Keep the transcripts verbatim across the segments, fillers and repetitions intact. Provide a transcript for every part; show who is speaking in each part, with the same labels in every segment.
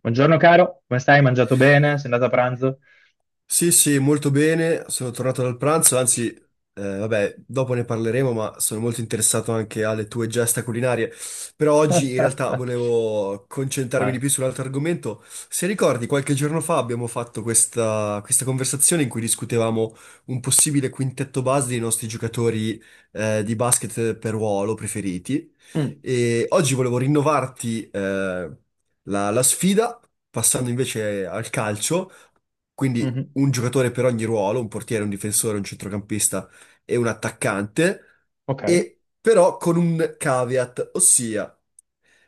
Speaker 1: Buongiorno caro, come stai? Hai mangiato bene? Sei andato a pranzo?
Speaker 2: Sì, sì, molto bene, sono tornato dal pranzo, anzi, eh, vabbè, dopo ne parleremo, ma sono molto interessato anche alle tue gesta culinarie. Però oggi in
Speaker 1: Ah,
Speaker 2: realtà volevo concentrarmi
Speaker 1: vai.
Speaker 2: di più sull'altro argomento. Se ricordi, qualche giorno fa abbiamo fatto questa, questa conversazione in cui discutevamo un possibile quintetto base dei nostri giocatori, eh, di basket per ruolo preferiti.
Speaker 1: Mm.
Speaker 2: E oggi volevo rinnovarti, eh, la la sfida, passando invece al calcio, quindi
Speaker 1: Mhm.
Speaker 2: un giocatore per ogni ruolo: un portiere, un difensore, un centrocampista e un attaccante.
Speaker 1: Ok.
Speaker 2: E però con un caveat, ossia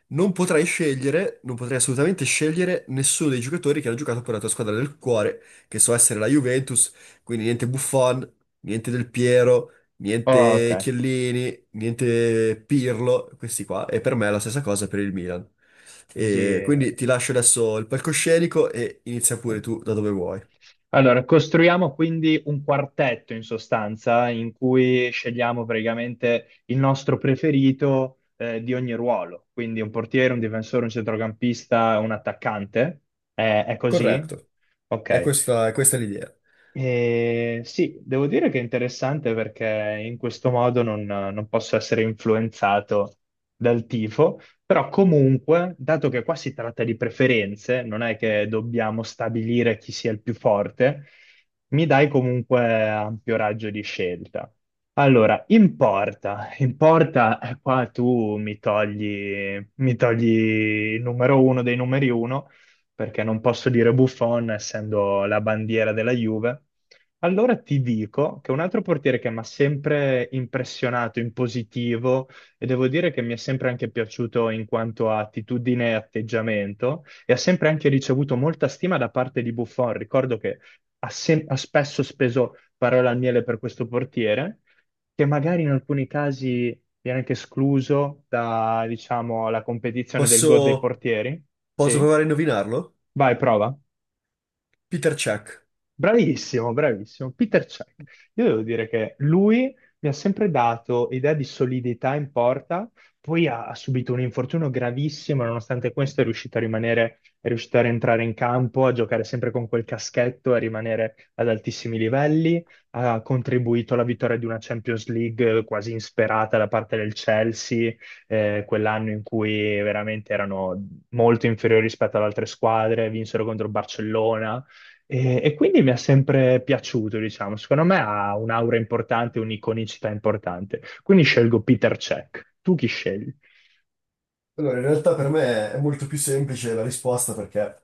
Speaker 2: non potrai scegliere, non potrai assolutamente scegliere nessuno dei giocatori che hanno giocato per la tua squadra del cuore, che so essere la Juventus, quindi niente Buffon, niente Del Piero,
Speaker 1: Oh,
Speaker 2: niente
Speaker 1: ok.
Speaker 2: Chiellini, niente Pirlo, questi qua, e per me è la stessa cosa per il Milan. E
Speaker 1: Sì.
Speaker 2: quindi ti lascio adesso il palcoscenico e inizia pure tu da dove vuoi.
Speaker 1: Allora, costruiamo quindi un quartetto in sostanza in cui scegliamo praticamente il nostro preferito eh, di ogni ruolo, quindi un portiere, un difensore, un centrocampista, un attaccante. Eh, è così?
Speaker 2: Corretto. È
Speaker 1: Ok.
Speaker 2: questa, è questa l'idea.
Speaker 1: Eh, sì, devo dire che è interessante perché in questo modo non, non posso essere influenzato dal tifo, però comunque, dato che qua si tratta di preferenze, non è che dobbiamo stabilire chi sia il più forte, mi dai comunque ampio raggio di scelta. Allora, in porta, in porta, eh, qua tu mi togli, mi togli il numero uno dei numeri uno perché non posso dire Buffon essendo la bandiera della Juve. Allora ti dico che un altro portiere che mi ha sempre impressionato in positivo e devo dire che mi è sempre anche piaciuto in quanto a attitudine e atteggiamento e ha sempre anche ricevuto molta stima da parte di Buffon. Ricordo che ha, sem- ha spesso speso parole al miele per questo portiere, che magari in alcuni casi viene anche escluso da, diciamo, la competizione del GOAT dei
Speaker 2: Posso,
Speaker 1: portieri.
Speaker 2: posso
Speaker 1: Sì.
Speaker 2: provare a indovinarlo?
Speaker 1: Vai, prova.
Speaker 2: Peter Check.
Speaker 1: Bravissimo, bravissimo. Peter Cech. Io devo dire che lui mi ha sempre dato idea di solidità in porta, poi ha, ha subito un infortunio gravissimo, nonostante questo è riuscito a rimanere, è riuscito a rientrare in campo, a giocare sempre con quel caschetto, a rimanere ad altissimi livelli, ha contribuito alla vittoria di una Champions League quasi insperata da parte del Chelsea, eh, quell'anno in cui veramente erano molto inferiori rispetto ad altre squadre, vinsero contro il Barcellona e, e quindi mi è sempre piaciuto, diciamo. Secondo me ha un'aura importante, un'iconicità importante. Quindi scelgo Peter Cech. Tu chi scegli?
Speaker 2: Allora, in realtà per me è molto più semplice la risposta perché,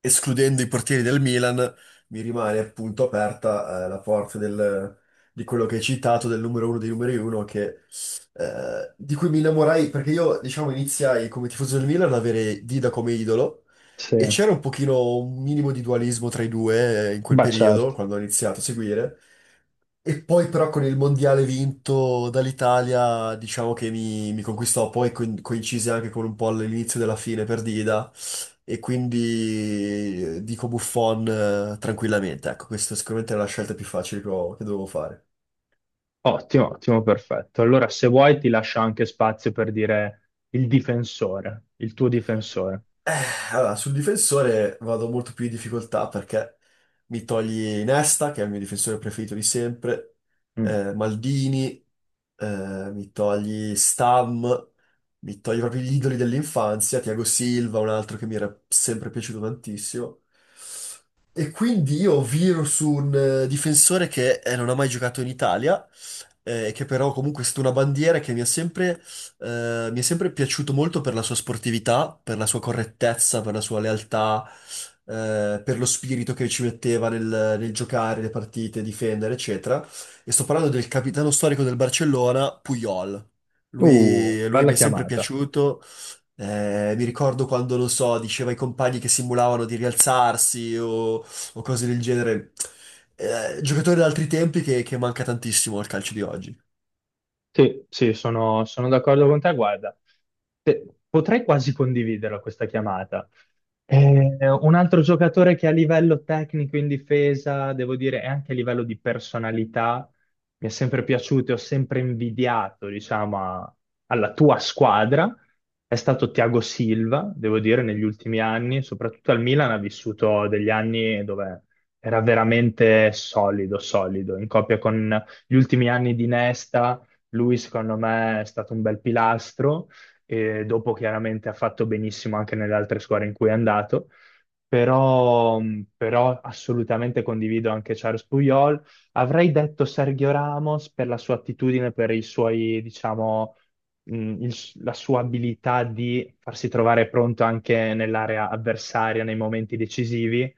Speaker 2: escludendo i portieri del Milan, mi rimane appunto aperta, eh, la porta del- di quello che hai citato, del numero uno dei numeri uno, che, eh, di cui mi innamorai, perché io, diciamo, iniziai come tifoso del Milan ad avere Dida come idolo,
Speaker 1: Sì,
Speaker 2: e c'era un pochino, un minimo di dualismo tra i due, eh, in quel
Speaker 1: beh
Speaker 2: periodo,
Speaker 1: certo.
Speaker 2: quando ho iniziato a seguire, e poi però con il mondiale vinto dall'Italia, diciamo che mi, mi conquistò, poi co- coincise anche con un po' l'inizio della fine per Dida, e quindi eh, dico Buffon, eh, tranquillamente. Ecco, questa sicuramente è la scelta più facile che, ho- che dovevo fare.
Speaker 1: Ottimo, ottimo, perfetto. Allora, se vuoi, ti lascio anche spazio per dire il difensore, il tuo difensore.
Speaker 2: Eh, allora, sul difensore vado molto più in difficoltà perché mi togli Nesta, che è il mio difensore preferito di sempre,
Speaker 1: Mm.
Speaker 2: eh, Maldini, eh, mi togli Stam, mi togli proprio gli idoli dell'infanzia, Thiago Silva, un altro che mi era sempre piaciuto tantissimo. E quindi io viro su un eh, difensore che eh, non ha mai giocato in Italia, eh, che però comunque è stata una bandiera che mi ha sempre, eh, mi è sempre piaciuto molto per la sua sportività, per la sua correttezza, per la sua lealtà, eh, per lo spirito che ci metteva nel, nel giocare le partite, difendere, eccetera. E sto parlando del capitano storico del Barcellona, Puyol.
Speaker 1: Uh,
Speaker 2: Lui, lui
Speaker 1: bella
Speaker 2: mi è sempre
Speaker 1: chiamata.
Speaker 2: piaciuto. Eh, mi ricordo quando, non so, diceva ai compagni che simulavano di rialzarsi o o cose del genere. Eh, giocatori di altri tempi che, che manca tantissimo al calcio di oggi.
Speaker 1: Sì, sì, sono, sono d'accordo con te. Guarda, te- potrei quasi condividerla questa chiamata. Eh, un altro giocatore che a livello tecnico in difesa, devo dire, e anche a livello di personalità, mi è sempre piaciuto e ho sempre invidiato, diciamo, a- alla tua squadra, è stato Thiago Silva, devo dire, negli ultimi anni, soprattutto al Milan ha vissuto degli anni dove era veramente solido, solido, in coppia con gli ultimi anni di Nesta, lui secondo me è stato un bel pilastro e dopo chiaramente ha fatto benissimo anche nelle altre squadre in cui è andato, però, mm, però assolutamente condivido anche Charles Puyol. Avrei detto Sergio Ramos per la sua attitudine, per i suoi, diciamo, mh, il- la sua abilità di farsi trovare pronto anche nell'area avversaria nei momenti decisivi,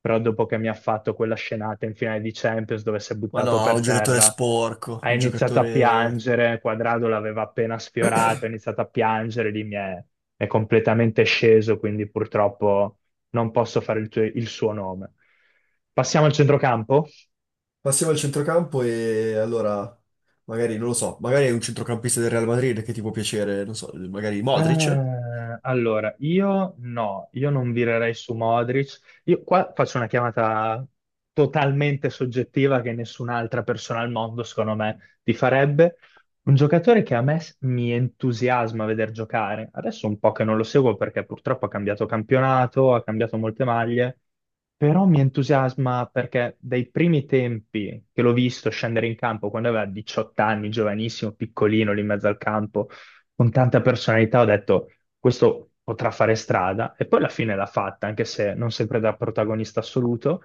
Speaker 1: però dopo che mi ha fatto quella scenata in finale di Champions dove si è
Speaker 2: Ma
Speaker 1: buttato
Speaker 2: no,
Speaker 1: per
Speaker 2: un giocatore
Speaker 1: terra
Speaker 2: sporco,
Speaker 1: ha
Speaker 2: un
Speaker 1: iniziato a
Speaker 2: giocatore...
Speaker 1: piangere, Quadrado l'aveva appena sfiorato, ha iniziato a piangere, lì mi è, è completamente sceso, quindi purtroppo non posso fare il, tuo- il suo nome. Passiamo al centrocampo.
Speaker 2: Passiamo al centrocampo e allora, magari, non lo so, magari è un centrocampista del Real Madrid che ti può piacere, non so, magari Modric?
Speaker 1: Eh, allora, io no, io non virerei su Modric. Io qua faccio una chiamata totalmente soggettiva che nessun'altra persona al mondo, secondo me, ti farebbe. Un giocatore che a me s- mi entusiasma vedere giocare. Adesso un po' che non lo seguo perché purtroppo ha cambiato campionato, ha cambiato molte maglie, però mi entusiasma perché dai primi tempi che l'ho visto scendere in campo quando aveva diciotto anni, giovanissimo, piccolino lì in mezzo al campo con tanta personalità, ho detto questo potrà fare strada e poi alla fine l'ha fatta, anche se non sempre da protagonista assoluto,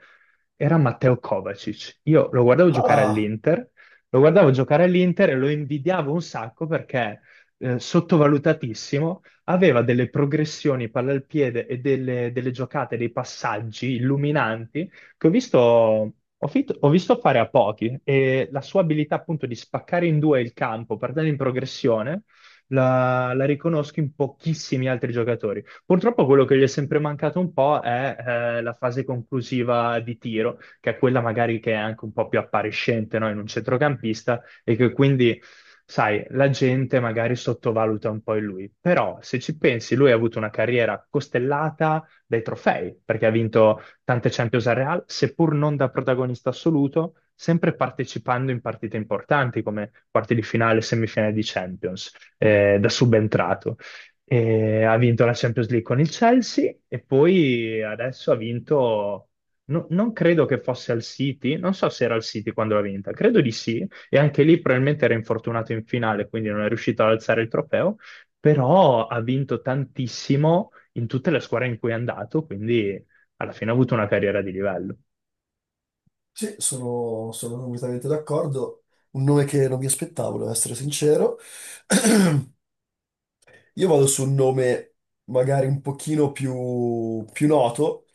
Speaker 1: era Matteo Kovacic. Io lo guardavo giocare
Speaker 2: Ah,
Speaker 1: all'Inter, lo guardavo giocare all'Inter e lo invidiavo un sacco perché eh, sottovalutatissimo, aveva delle progressioni palla al piede e delle, delle giocate, dei passaggi illuminanti che ho visto... Ho, fit- ho visto fare a pochi e la sua abilità appunto di spaccare in due il campo, per dare in progressione, la, la riconosco in pochissimi altri giocatori. Purtroppo quello che gli è sempre mancato un po' è eh, la fase conclusiva di tiro, che è quella magari che è anche un po' più appariscente, no? In un centrocampista e che quindi... Sai, la gente magari sottovaluta un po' in lui, però se ci pensi, lui ha avuto una carriera costellata dai trofei, perché ha vinto tante Champions al Real, seppur non da protagonista assoluto, sempre partecipando in partite importanti come quarti di finale, semifinale di Champions eh, da subentrato. E ha vinto la Champions League con il Chelsea e poi adesso ha vinto, no- non credo che fosse al City, non so se era al City quando l'ha vinta, credo di sì, e anche lì probabilmente era infortunato in finale, quindi non è riuscito ad alzare il trofeo, però ha vinto tantissimo in tutte le squadre in cui è andato, quindi alla fine ha avuto una carriera di livello.
Speaker 2: sì, sono, sono completamente d'accordo. Un nome che non mi aspettavo, devo essere sincero. Io vado su un nome magari un pochino più, più noto,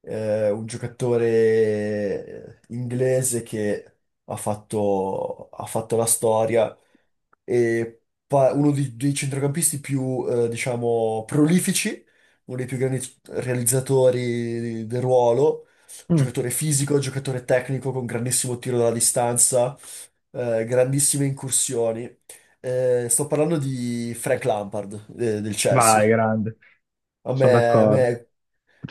Speaker 2: eh, un giocatore eh, inglese che ha fatto, ha fatto la storia e pa- uno di- dei centrocampisti più, eh, diciamo, prolifici, uno dei più grandi realizzatori del ruolo,
Speaker 1: Mm,
Speaker 2: giocatore fisico, giocatore tecnico con grandissimo tiro dalla distanza, eh, grandissime incursioni. Eh, sto parlando di Frank Lampard, eh, del Chelsea.
Speaker 1: vai, grande,
Speaker 2: A
Speaker 1: sono
Speaker 2: me, a
Speaker 1: d'accordo,
Speaker 2: me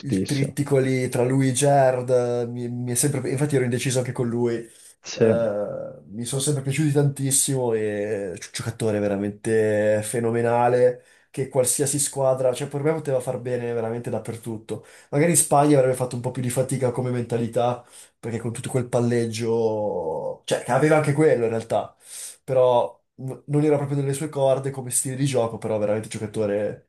Speaker 2: il trittico lì tra lui e Gerrard, eh, mi, mi è sempre... Infatti ero indeciso anche con lui.
Speaker 1: Sì.
Speaker 2: Eh, mi sono sempre piaciuti tantissimo e è un giocatore veramente fenomenale che qualsiasi squadra, cioè per me poteva far bene veramente dappertutto. Magari in Spagna avrebbe fatto un po' più di fatica come mentalità, perché con tutto quel palleggio, cioè che aveva anche quello in realtà, però n- non era proprio nelle sue corde come stile di gioco, però veramente un giocatore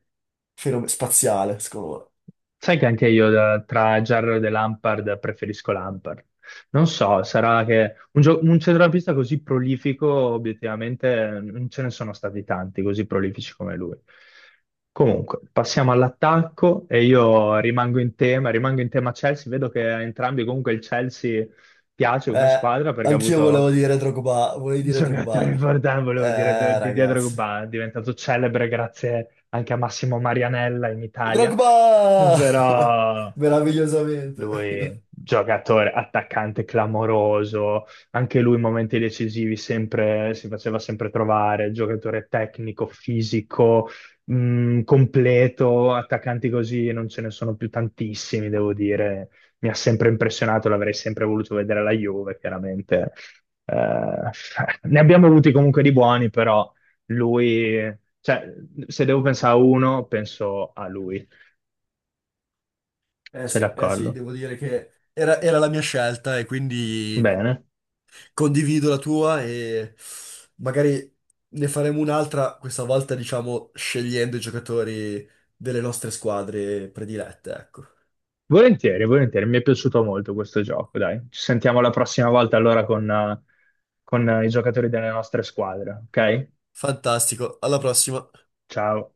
Speaker 2: fenom- spaziale, secondo
Speaker 1: Sai che anche io da- tra Gerrard e Lampard preferisco Lampard. Non so, sarà che un, gio- un centrocampista così prolifico, obiettivamente, non ce ne sono stati tanti così prolifici come lui. Comunque, passiamo all'attacco e io rimango in tema, rimango in tema Chelsea. Vedo che a entrambi comunque il Chelsea piace
Speaker 2: me.
Speaker 1: come
Speaker 2: Eh,
Speaker 1: squadra perché ha
Speaker 2: anch'io
Speaker 1: avuto
Speaker 2: volevo dire Drogba, volevo dire
Speaker 1: sono un attore
Speaker 2: Drogba.
Speaker 1: importante, volevo dire, de-
Speaker 2: Eh,
Speaker 1: di Dietro
Speaker 2: ragazzi.
Speaker 1: Gubà, è diventato celebre grazie anche a Massimo Marianella in Italia,
Speaker 2: Drogba!
Speaker 1: però lui,
Speaker 2: Meravigliosamente.
Speaker 1: giocatore, attaccante clamoroso, anche lui in momenti decisivi sempre, si faceva sempre trovare, giocatore tecnico, fisico, mh, completo, attaccanti così non ce ne sono più tantissimi, devo dire. Mi ha sempre impressionato, l'avrei sempre voluto vedere alla Juve, chiaramente eh, ne abbiamo avuti comunque di buoni, però lui, cioè, se devo pensare a uno, penso a lui.
Speaker 2: Eh
Speaker 1: Sei
Speaker 2: sì, eh sì,
Speaker 1: d'accordo?
Speaker 2: devo dire che era, era la mia scelta e quindi
Speaker 1: Bene.
Speaker 2: condivido la tua e magari ne faremo un'altra, questa volta diciamo scegliendo i giocatori delle nostre squadre predilette, ecco.
Speaker 1: Volentieri, volentieri, mi è piaciuto molto questo gioco, dai. Ci sentiamo la prossima volta allora con, eh, con eh, i giocatori delle nostre squadre, ok?
Speaker 2: Fantastico, alla prossima.
Speaker 1: Ciao.